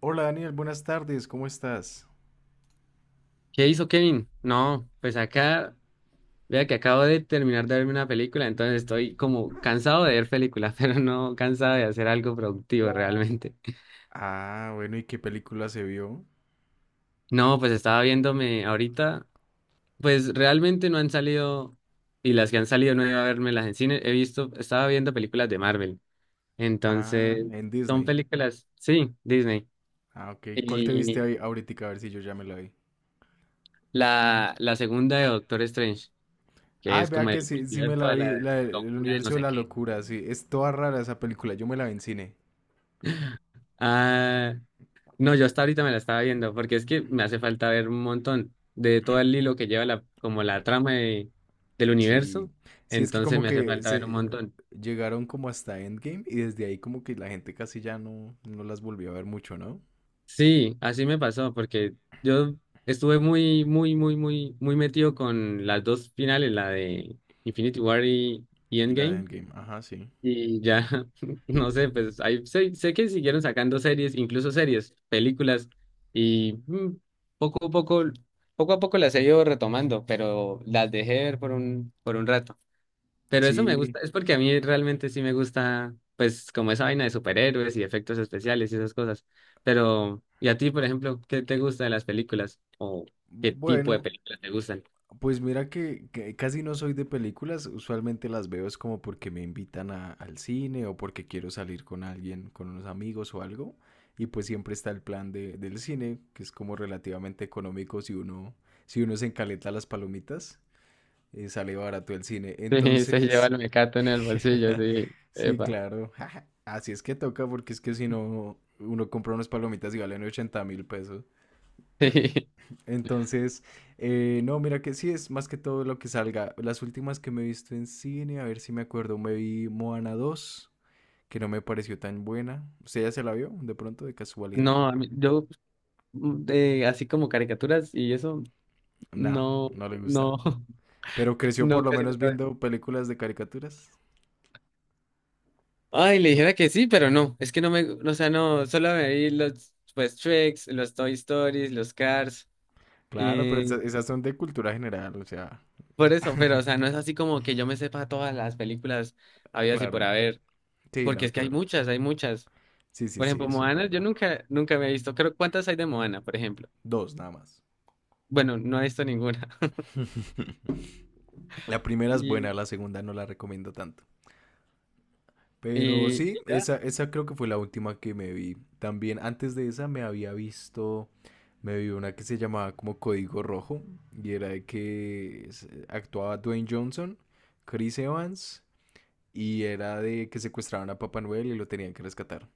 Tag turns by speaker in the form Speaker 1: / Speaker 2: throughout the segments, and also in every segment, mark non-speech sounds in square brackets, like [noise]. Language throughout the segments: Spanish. Speaker 1: Hola Daniel, buenas tardes, ¿cómo estás?
Speaker 2: ¿Qué hizo Kevin? No, pues acá, vea que acabo de terminar de verme una película, entonces estoy como cansado de ver películas, [laughs] pero no cansado de hacer algo productivo realmente.
Speaker 1: Ah, bueno, ¿y qué película se vio?
Speaker 2: No, pues estaba viéndome ahorita, pues realmente no han salido, y las que han salido no he ido a vermelas en cine, he visto, estaba viendo películas de Marvel,
Speaker 1: Ah,
Speaker 2: entonces
Speaker 1: en
Speaker 2: son
Speaker 1: Disney.
Speaker 2: películas, sí, Disney.
Speaker 1: Ah, ok. ¿Cuál te viste
Speaker 2: Y
Speaker 1: ahí ahorita? A ver si yo ya me la vi.
Speaker 2: la segunda de Doctor Strange, que
Speaker 1: Ay,
Speaker 2: es como
Speaker 1: vea que
Speaker 2: el
Speaker 1: sí, sí me
Speaker 2: multiverso
Speaker 1: la
Speaker 2: de la
Speaker 1: vi, el
Speaker 2: locura de no
Speaker 1: universo de
Speaker 2: sé
Speaker 1: la
Speaker 2: qué.
Speaker 1: locura, sí. Es toda rara esa película, yo me la vi en cine.
Speaker 2: Ah, no, yo hasta ahorita me la estaba viendo, porque es que me hace falta ver un montón de todo el hilo que lleva la, como la trama de- del
Speaker 1: Mm, sí.
Speaker 2: universo,
Speaker 1: Sí, es que
Speaker 2: entonces
Speaker 1: como
Speaker 2: me hace
Speaker 1: que
Speaker 2: falta ver un
Speaker 1: se
Speaker 2: montón.
Speaker 1: llegaron como hasta Endgame y desde ahí como que la gente casi ya no, no las volvió a ver mucho, ¿no?
Speaker 2: Sí, así me pasó, porque yo estuve muy, muy, muy, muy, muy metido con las dos finales, la de Infinity War y
Speaker 1: Y la de
Speaker 2: Endgame.
Speaker 1: Endgame, ajá, sí.
Speaker 2: Y ya, [laughs] no sé, pues ahí sé que siguieron sacando series, incluso series, películas, y mm, poco a poco, poco a poco las he ido retomando, pero las dejé de ver por un rato. Pero eso me
Speaker 1: Sí,
Speaker 2: gusta, es porque a mí realmente sí me gusta, pues, como esa vaina de superhéroes y efectos especiales y esas cosas. Pero ¿y a ti, por ejemplo, qué te gusta de las películas? ¿O qué tipo de
Speaker 1: bueno,
Speaker 2: películas te gustan? [laughs]
Speaker 1: pues mira que casi no soy de películas, usualmente las veo es como porque me invitan al cine o porque quiero salir con alguien, con unos amigos o algo, y pues siempre está el plan del cine, que es como relativamente económico si uno se encaleta las palomitas, sale barato el cine.
Speaker 2: Sí, se lleva
Speaker 1: Entonces,
Speaker 2: el mecato en el bolsillo,
Speaker 1: [laughs]
Speaker 2: sí,
Speaker 1: sí,
Speaker 2: epa. [laughs]
Speaker 1: claro, [laughs] así es que toca porque es que si no, uno compra unas palomitas y valen 80.000 pesos.
Speaker 2: Sí.
Speaker 1: Entonces, no, mira que sí, es más que todo lo que salga. Las últimas que me he visto en cine, a ver si me acuerdo, me vi Moana 2, que no me pareció tan buena. ¿Usted ya se la vio de pronto, de casualidad?
Speaker 2: No, a mí- yo de, así como caricaturas y eso,
Speaker 1: No,
Speaker 2: no,
Speaker 1: no le gusta.
Speaker 2: no, [laughs]
Speaker 1: Pero creció por
Speaker 2: no,
Speaker 1: lo
Speaker 2: casi
Speaker 1: menos
Speaker 2: nunca veo.
Speaker 1: viendo películas de caricaturas.
Speaker 2: Ay, le dijera que sí, pero no, es que no me, o sea, no, solo me vi los, pues, Tricks, los Toy Stories, los Cars,
Speaker 1: Claro, pero
Speaker 2: y
Speaker 1: esas son de cultura general, o sea,
Speaker 2: por eso, pero, o sea, no es así como que yo me sepa todas las películas habidas y por
Speaker 1: claro.
Speaker 2: haber,
Speaker 1: Sí,
Speaker 2: porque
Speaker 1: no,
Speaker 2: es que hay
Speaker 1: claro.
Speaker 2: muchas, hay muchas.
Speaker 1: Sí, sí,
Speaker 2: Por
Speaker 1: sí,
Speaker 2: ejemplo,
Speaker 1: eso es
Speaker 2: Moana, yo
Speaker 1: verdad.
Speaker 2: nunca, nunca me he visto, creo, ¿cuántas hay de Moana, por ejemplo?
Speaker 1: Dos, nada más.
Speaker 2: Bueno, no he visto ninguna. [laughs]
Speaker 1: La primera es buena,
Speaker 2: Y,
Speaker 1: la segunda no la recomiendo tanto. Pero
Speaker 2: y
Speaker 1: sí,
Speaker 2: ya.
Speaker 1: esa creo que fue la última que me vi. También antes de esa me había visto, me vi una que se llamaba como Código Rojo y era de que actuaba Dwayne Johnson, Chris Evans y era de que secuestraban a Papá Noel y lo tenían que rescatar.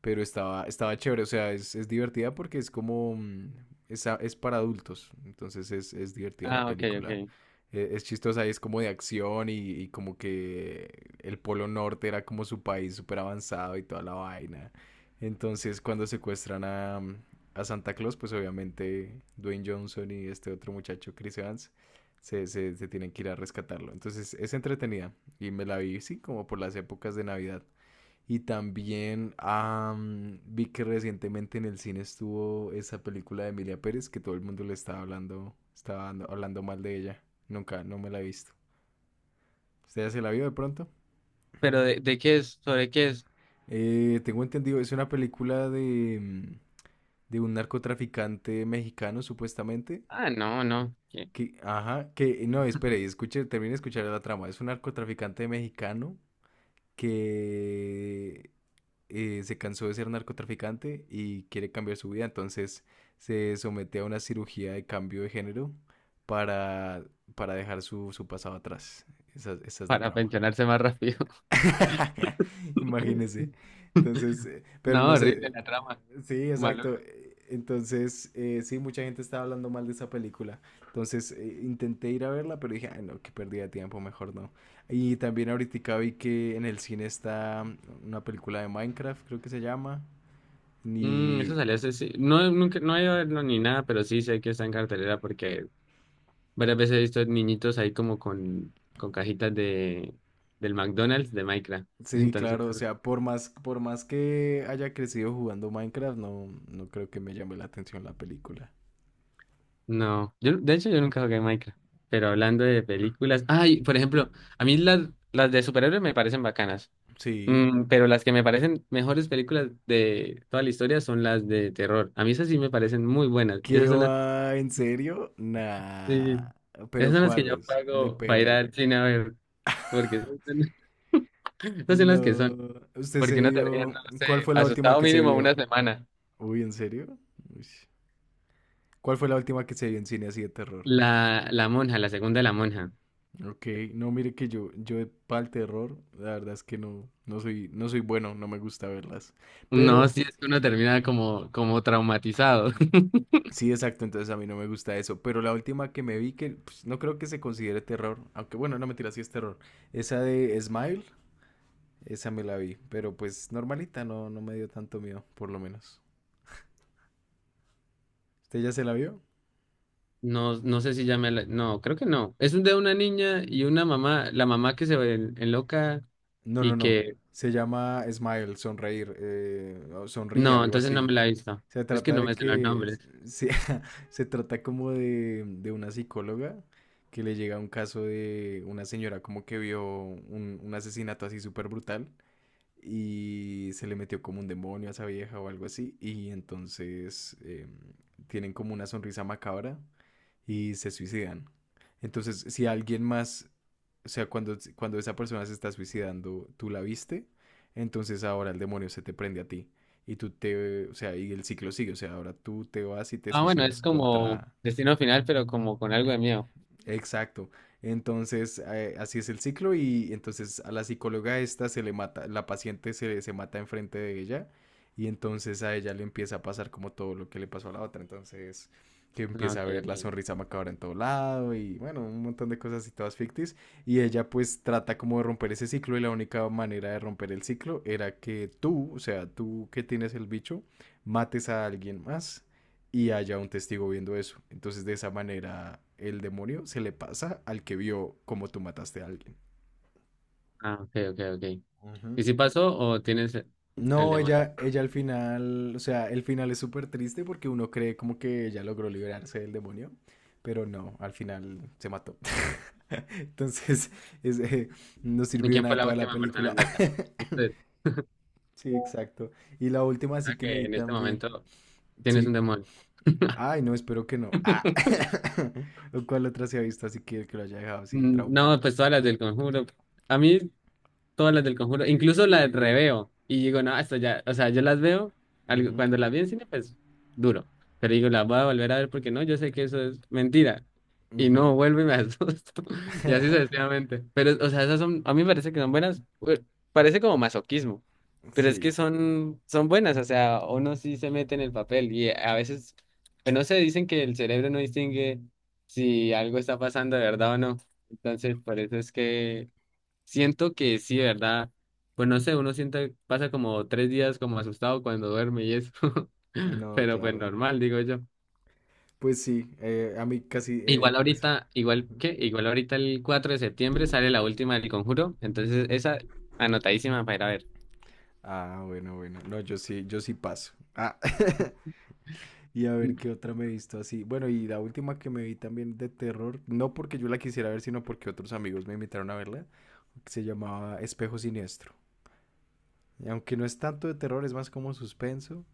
Speaker 1: Pero estaba chévere, o sea, es divertida porque es como. Es para adultos, entonces es divertida la
Speaker 2: Ah, ok,
Speaker 1: película.
Speaker 2: ok.
Speaker 1: Es chistosa y es como de acción y, como que el Polo Norte era como su país súper avanzado y toda la vaina. Entonces cuando secuestran a Santa Claus, pues obviamente Dwayne Johnson y este otro muchacho, Chris Evans, se tienen que ir a rescatarlo. Entonces es entretenida y me la vi, sí, como por las épocas de Navidad. Y también vi que recientemente en el cine estuvo esa película de Emilia Pérez que todo el mundo le estaba hablando, hablando mal de ella. Nunca, no me la he visto. ¿Usted ya se la vio de pronto?
Speaker 2: Pero de, qué es, sobre qué es.
Speaker 1: Tengo entendido, es una película de un narcotraficante mexicano, supuestamente.
Speaker 2: Ah, no, no. ¿Qué?
Speaker 1: Que, ajá, que, no, espere, y escuche, termine de escuchar la trama. Es un narcotraficante mexicano que se cansó de ser narcotraficante y quiere cambiar su vida, entonces se somete a una cirugía de cambio de género para, para, dejar su pasado atrás. Esa es la
Speaker 2: Para
Speaker 1: trama.
Speaker 2: pensionarse más rápido.
Speaker 1: [laughs] Imagínese. Entonces,
Speaker 2: [laughs]
Speaker 1: pero
Speaker 2: No,
Speaker 1: no
Speaker 2: horrible
Speaker 1: sé.
Speaker 2: la trama.
Speaker 1: Sí,
Speaker 2: Malo.
Speaker 1: exacto. Entonces, sí, mucha gente estaba hablando mal de esa película. Entonces, intenté ir a verla, pero dije, ay, no, qué pérdida de tiempo, mejor no. Y también ahorita vi que en el cine está una película de Minecraft, creo que se llama.
Speaker 2: Mm, eso
Speaker 1: Ni.
Speaker 2: salió hace, sí. No, nunca, no he ido a verlo ni nada, pero sí sé que está en cartelera porque varias veces he visto niñitos ahí como con cajitas de, del McDonald's de Minecraft. [laughs]
Speaker 1: Sí,
Speaker 2: Entonces,
Speaker 1: claro, o sea, por más que haya crecido jugando Minecraft, no, no creo que me llame la atención la película.
Speaker 2: no. Yo, de hecho, yo nunca jugué Minecraft. Pero hablando de películas. Ay, por ejemplo, a mí las de superhéroes me parecen bacanas.
Speaker 1: Sí.
Speaker 2: Mm, pero las que me parecen mejores películas de toda la historia son las de terror. A mí esas sí me parecen muy buenas.
Speaker 1: ¿Qué
Speaker 2: Esas son las,
Speaker 1: va? ¿En serio?
Speaker 2: sí,
Speaker 1: Nah.
Speaker 2: esas
Speaker 1: ¿Pero
Speaker 2: son las que yo
Speaker 1: cuáles?
Speaker 2: pago para ir
Speaker 1: Depende.
Speaker 2: al cine a ver, porque esas son [laughs] esas son las que son.
Speaker 1: No. ¿Usted se
Speaker 2: Porque uno termina,
Speaker 1: vio?
Speaker 2: no sé,
Speaker 1: ¿Cuál fue la última
Speaker 2: asustado
Speaker 1: que se
Speaker 2: mínimo
Speaker 1: vio?
Speaker 2: una semana.
Speaker 1: Uy, ¿en serio? Uy. ¿Cuál fue la última que se vio en cine así de terror?
Speaker 2: La monja, la segunda de la monja.
Speaker 1: Ok, no, mire que yo para el terror, la verdad es que no, no soy, no soy bueno, no me gusta verlas.
Speaker 2: No,
Speaker 1: Pero
Speaker 2: sí, es que uno termina como traumatizado. [laughs]
Speaker 1: sí, exacto, entonces a mí no me gusta eso, pero la última que me vi que pues, no creo que se considere terror, aunque bueno, no mentira, sí es terror. Esa de Smile, esa me la vi, pero pues normalita, no, no me dio tanto miedo, por lo menos. ¿Usted ya se la vio?
Speaker 2: No, no sé si ya me la- No, creo que no. Es de una niña y una mamá, la mamá que se ve en- enloca
Speaker 1: No,
Speaker 2: y
Speaker 1: no, no.
Speaker 2: que
Speaker 1: Se llama Smile, sonreír, o sonríe,
Speaker 2: no,
Speaker 1: algo
Speaker 2: entonces no
Speaker 1: así.
Speaker 2: me la he visto.
Speaker 1: Se
Speaker 2: Es que
Speaker 1: trata
Speaker 2: no
Speaker 1: de
Speaker 2: me sé los
Speaker 1: que,
Speaker 2: nombres.
Speaker 1: se, [laughs] Se trata como de una psicóloga que le llega un caso de una señora como que vio un asesinato así súper brutal y se le metió como un demonio a esa vieja o algo así y entonces tienen como una sonrisa macabra y se suicidan. Entonces, si alguien más, o sea, cuando esa persona se está suicidando, tú la viste, entonces ahora el demonio se te prende a ti y tú te, o sea, y el ciclo sigue, o sea, ahora tú te vas y te
Speaker 2: Ah, bueno, es
Speaker 1: suicidas
Speaker 2: como
Speaker 1: contra
Speaker 2: Destino Final, pero como con algo de miedo.
Speaker 1: Exacto. Entonces, así es el ciclo y entonces a la psicóloga esta se le mata, la paciente se mata enfrente de ella y entonces a ella le empieza a pasar como todo lo que le pasó a la otra. Entonces, que
Speaker 2: Ah,
Speaker 1: empieza a
Speaker 2: ok,
Speaker 1: ver la
Speaker 2: ok.
Speaker 1: sonrisa macabra en todo lado y bueno, un montón de cosas y todas ficticias. Y ella pues trata como de romper ese ciclo y la única manera de romper el ciclo era que tú, o sea, tú que tienes el bicho, mates a alguien más y haya un testigo viendo eso. Entonces de esa manera el demonio se le pasa al que vio cómo tú mataste a alguien.
Speaker 2: Ah, ok, ok, ok.
Speaker 1: Ujú.
Speaker 2: ¿Y si pasó o tienes el
Speaker 1: No,
Speaker 2: demonio?
Speaker 1: ella al final, o sea, el final es súper triste porque uno cree como que ella logró liberarse del demonio, pero no, al final se mató. [laughs] Entonces, es, eh, no
Speaker 2: ¿Y
Speaker 1: sirvió de
Speaker 2: quién fue
Speaker 1: nada
Speaker 2: la
Speaker 1: toda la
Speaker 2: última persona en
Speaker 1: película. [laughs]
Speaker 2: verdad? Usted.
Speaker 1: Sí,
Speaker 2: O
Speaker 1: exacto. Y la última sí
Speaker 2: sea
Speaker 1: que me
Speaker 2: que
Speaker 1: vi
Speaker 2: en este
Speaker 1: también.
Speaker 2: momento tienes
Speaker 1: Sí.
Speaker 2: un demonio. [laughs]
Speaker 1: Ay, no, espero que no. Ah. [laughs] ¿Cuál otra se ha visto así que lo haya dejado así
Speaker 2: Mm,
Speaker 1: traumado?
Speaker 2: no, pues todas las del Conjuro. A mí todas las del Conjuro, incluso las reveo. Y digo, no, esto ya, o sea, yo las veo, algo-
Speaker 1: Ujú,
Speaker 2: cuando las vi en cine, pues duro. Pero digo, las voy a volver a ver porque no, yo sé que eso es mentira, y
Speaker 1: ujú.
Speaker 2: no vuelvo y me asusto. [laughs] Y así
Speaker 1: [laughs]
Speaker 2: sucesivamente. Pero, o sea, esas son, a mí me parece que son buenas, parece como masoquismo, pero es que
Speaker 1: Sí,
Speaker 2: son buenas, o sea, uno sí se mete en el papel y a veces, pues no sé, dicen que el cerebro no distingue si algo está pasando de verdad o no. Entonces, por eso es que siento que sí, de verdad, pues no sé, uno siente, pasa como 3 días como asustado cuando duerme y eso, [laughs]
Speaker 1: no,
Speaker 2: pero pues
Speaker 1: claro.
Speaker 2: normal, digo yo.
Speaker 1: Pues sí, a mí casi
Speaker 2: Igual
Speaker 1: por eso.
Speaker 2: ahorita, igual que, igual ahorita el 4 de septiembre sale la última del Conjuro, entonces esa anotadísima para ir a ver.
Speaker 1: Ah, bueno, bueno. No, yo sí, yo sí paso. Ah, [laughs] y a ver
Speaker 2: N-
Speaker 1: qué otra me he visto así. Bueno, y la última que me vi también de terror, no porque yo la quisiera ver, sino porque otros amigos me invitaron a verla, se llamaba Espejo Siniestro. Y aunque no es tanto de terror, es más como suspenso.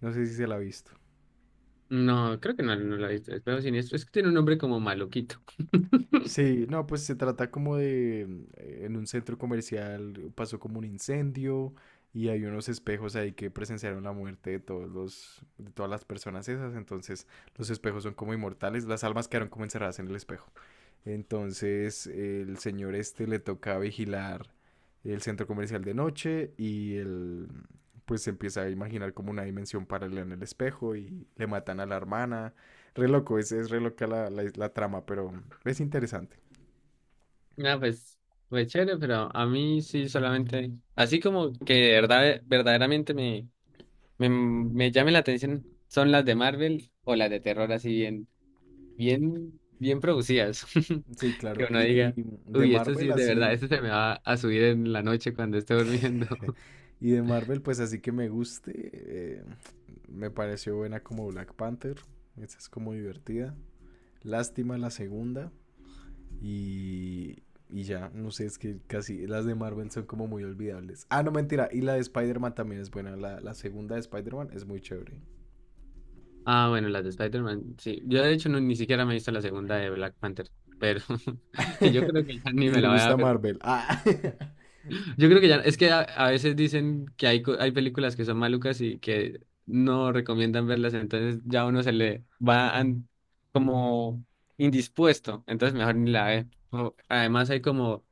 Speaker 1: No sé si se la ha visto.
Speaker 2: No, creo que no, no la he visto, es Juego Siniestro, es que tiene un nombre como maluquito. [laughs]
Speaker 1: Sí, no, pues se trata como en un centro comercial pasó como un incendio y hay unos espejos ahí que presenciaron la muerte de todos los, de todas las personas esas, entonces los espejos son como inmortales, las almas quedaron como encerradas en el espejo. Entonces el señor este le toca vigilar el centro comercial de noche y él pues se empieza a imaginar como una dimensión paralela en el espejo y le matan a la hermana. Re loco, es re loca la trama, pero es interesante.
Speaker 2: Ah, pues, pues chévere, pero a mí sí solamente, así como que de verdad, verdaderamente me, me llame la atención son las de Marvel o las de terror así bien, bien, bien producidas, [laughs]
Speaker 1: Sí,
Speaker 2: que
Speaker 1: claro.
Speaker 2: uno
Speaker 1: Y
Speaker 2: diga,
Speaker 1: de
Speaker 2: uy, esto sí
Speaker 1: Marvel
Speaker 2: es de verdad,
Speaker 1: así.
Speaker 2: esto se me va a subir en la noche cuando esté durmiendo.
Speaker 1: [laughs] Y de Marvel, pues así que me guste. eh, Me pareció buena como Black Panther. Esa es como divertida. Lástima la segunda. Y, y ya, no sé, es que casi las de Marvel son como muy olvidables. Ah, no, mentira. Y la de Spider-Man también es buena. La segunda de Spider-Man es muy chévere.
Speaker 2: Ah, bueno, las de Spider-Man, sí. Yo de hecho no- ni siquiera me he visto la segunda de Black Panther, pero [laughs] yo creo que
Speaker 1: [laughs]
Speaker 2: ya ni
Speaker 1: Y
Speaker 2: me
Speaker 1: le
Speaker 2: la voy a
Speaker 1: gusta
Speaker 2: ver.
Speaker 1: Marvel. Ah. [laughs]
Speaker 2: Yo creo que ya, es que a veces dicen que hay, co- hay películas que son malucas y que no recomiendan verlas, entonces ya uno se le va an- como indispuesto, entonces mejor ni la ve. O- además hay como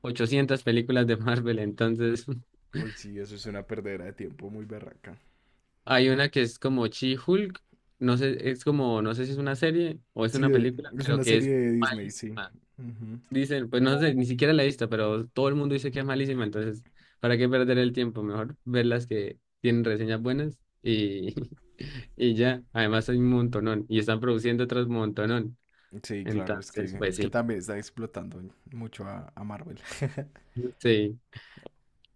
Speaker 2: 800 películas de Marvel, entonces
Speaker 1: Uy, sí, eso es una perdera de tiempo muy berraca.
Speaker 2: [laughs] hay una que es como She-Hulk, no sé, es como, no sé si es una serie o es
Speaker 1: Sí,
Speaker 2: una película,
Speaker 1: es
Speaker 2: pero
Speaker 1: una
Speaker 2: que
Speaker 1: serie
Speaker 2: es...
Speaker 1: de Disney, sí.
Speaker 2: Malísima.
Speaker 1: Ujú.
Speaker 2: Dicen, pues no sé, ni siquiera la he visto, pero todo el mundo dice que es malísima, entonces, ¿para qué perder el tiempo? Mejor ver las que tienen reseñas buenas y, [laughs] y ya. Además hay un montonón y están produciendo otros montonón.
Speaker 1: Sí, claro, es
Speaker 2: Entonces,
Speaker 1: que,
Speaker 2: pues
Speaker 1: es que
Speaker 2: sí.
Speaker 1: también está explotando mucho a Marvel. [laughs]
Speaker 2: Sí,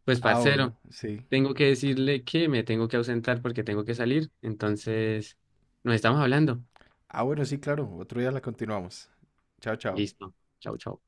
Speaker 2: pues
Speaker 1: Ah,
Speaker 2: parcero,
Speaker 1: bueno, sí.
Speaker 2: tengo que decirle que me tengo que ausentar porque tengo que salir. Entonces, nos estamos hablando.
Speaker 1: Ah, bueno, sí, claro. Otro día la continuamos. Chao, chao.
Speaker 2: Listo. Chau, chau.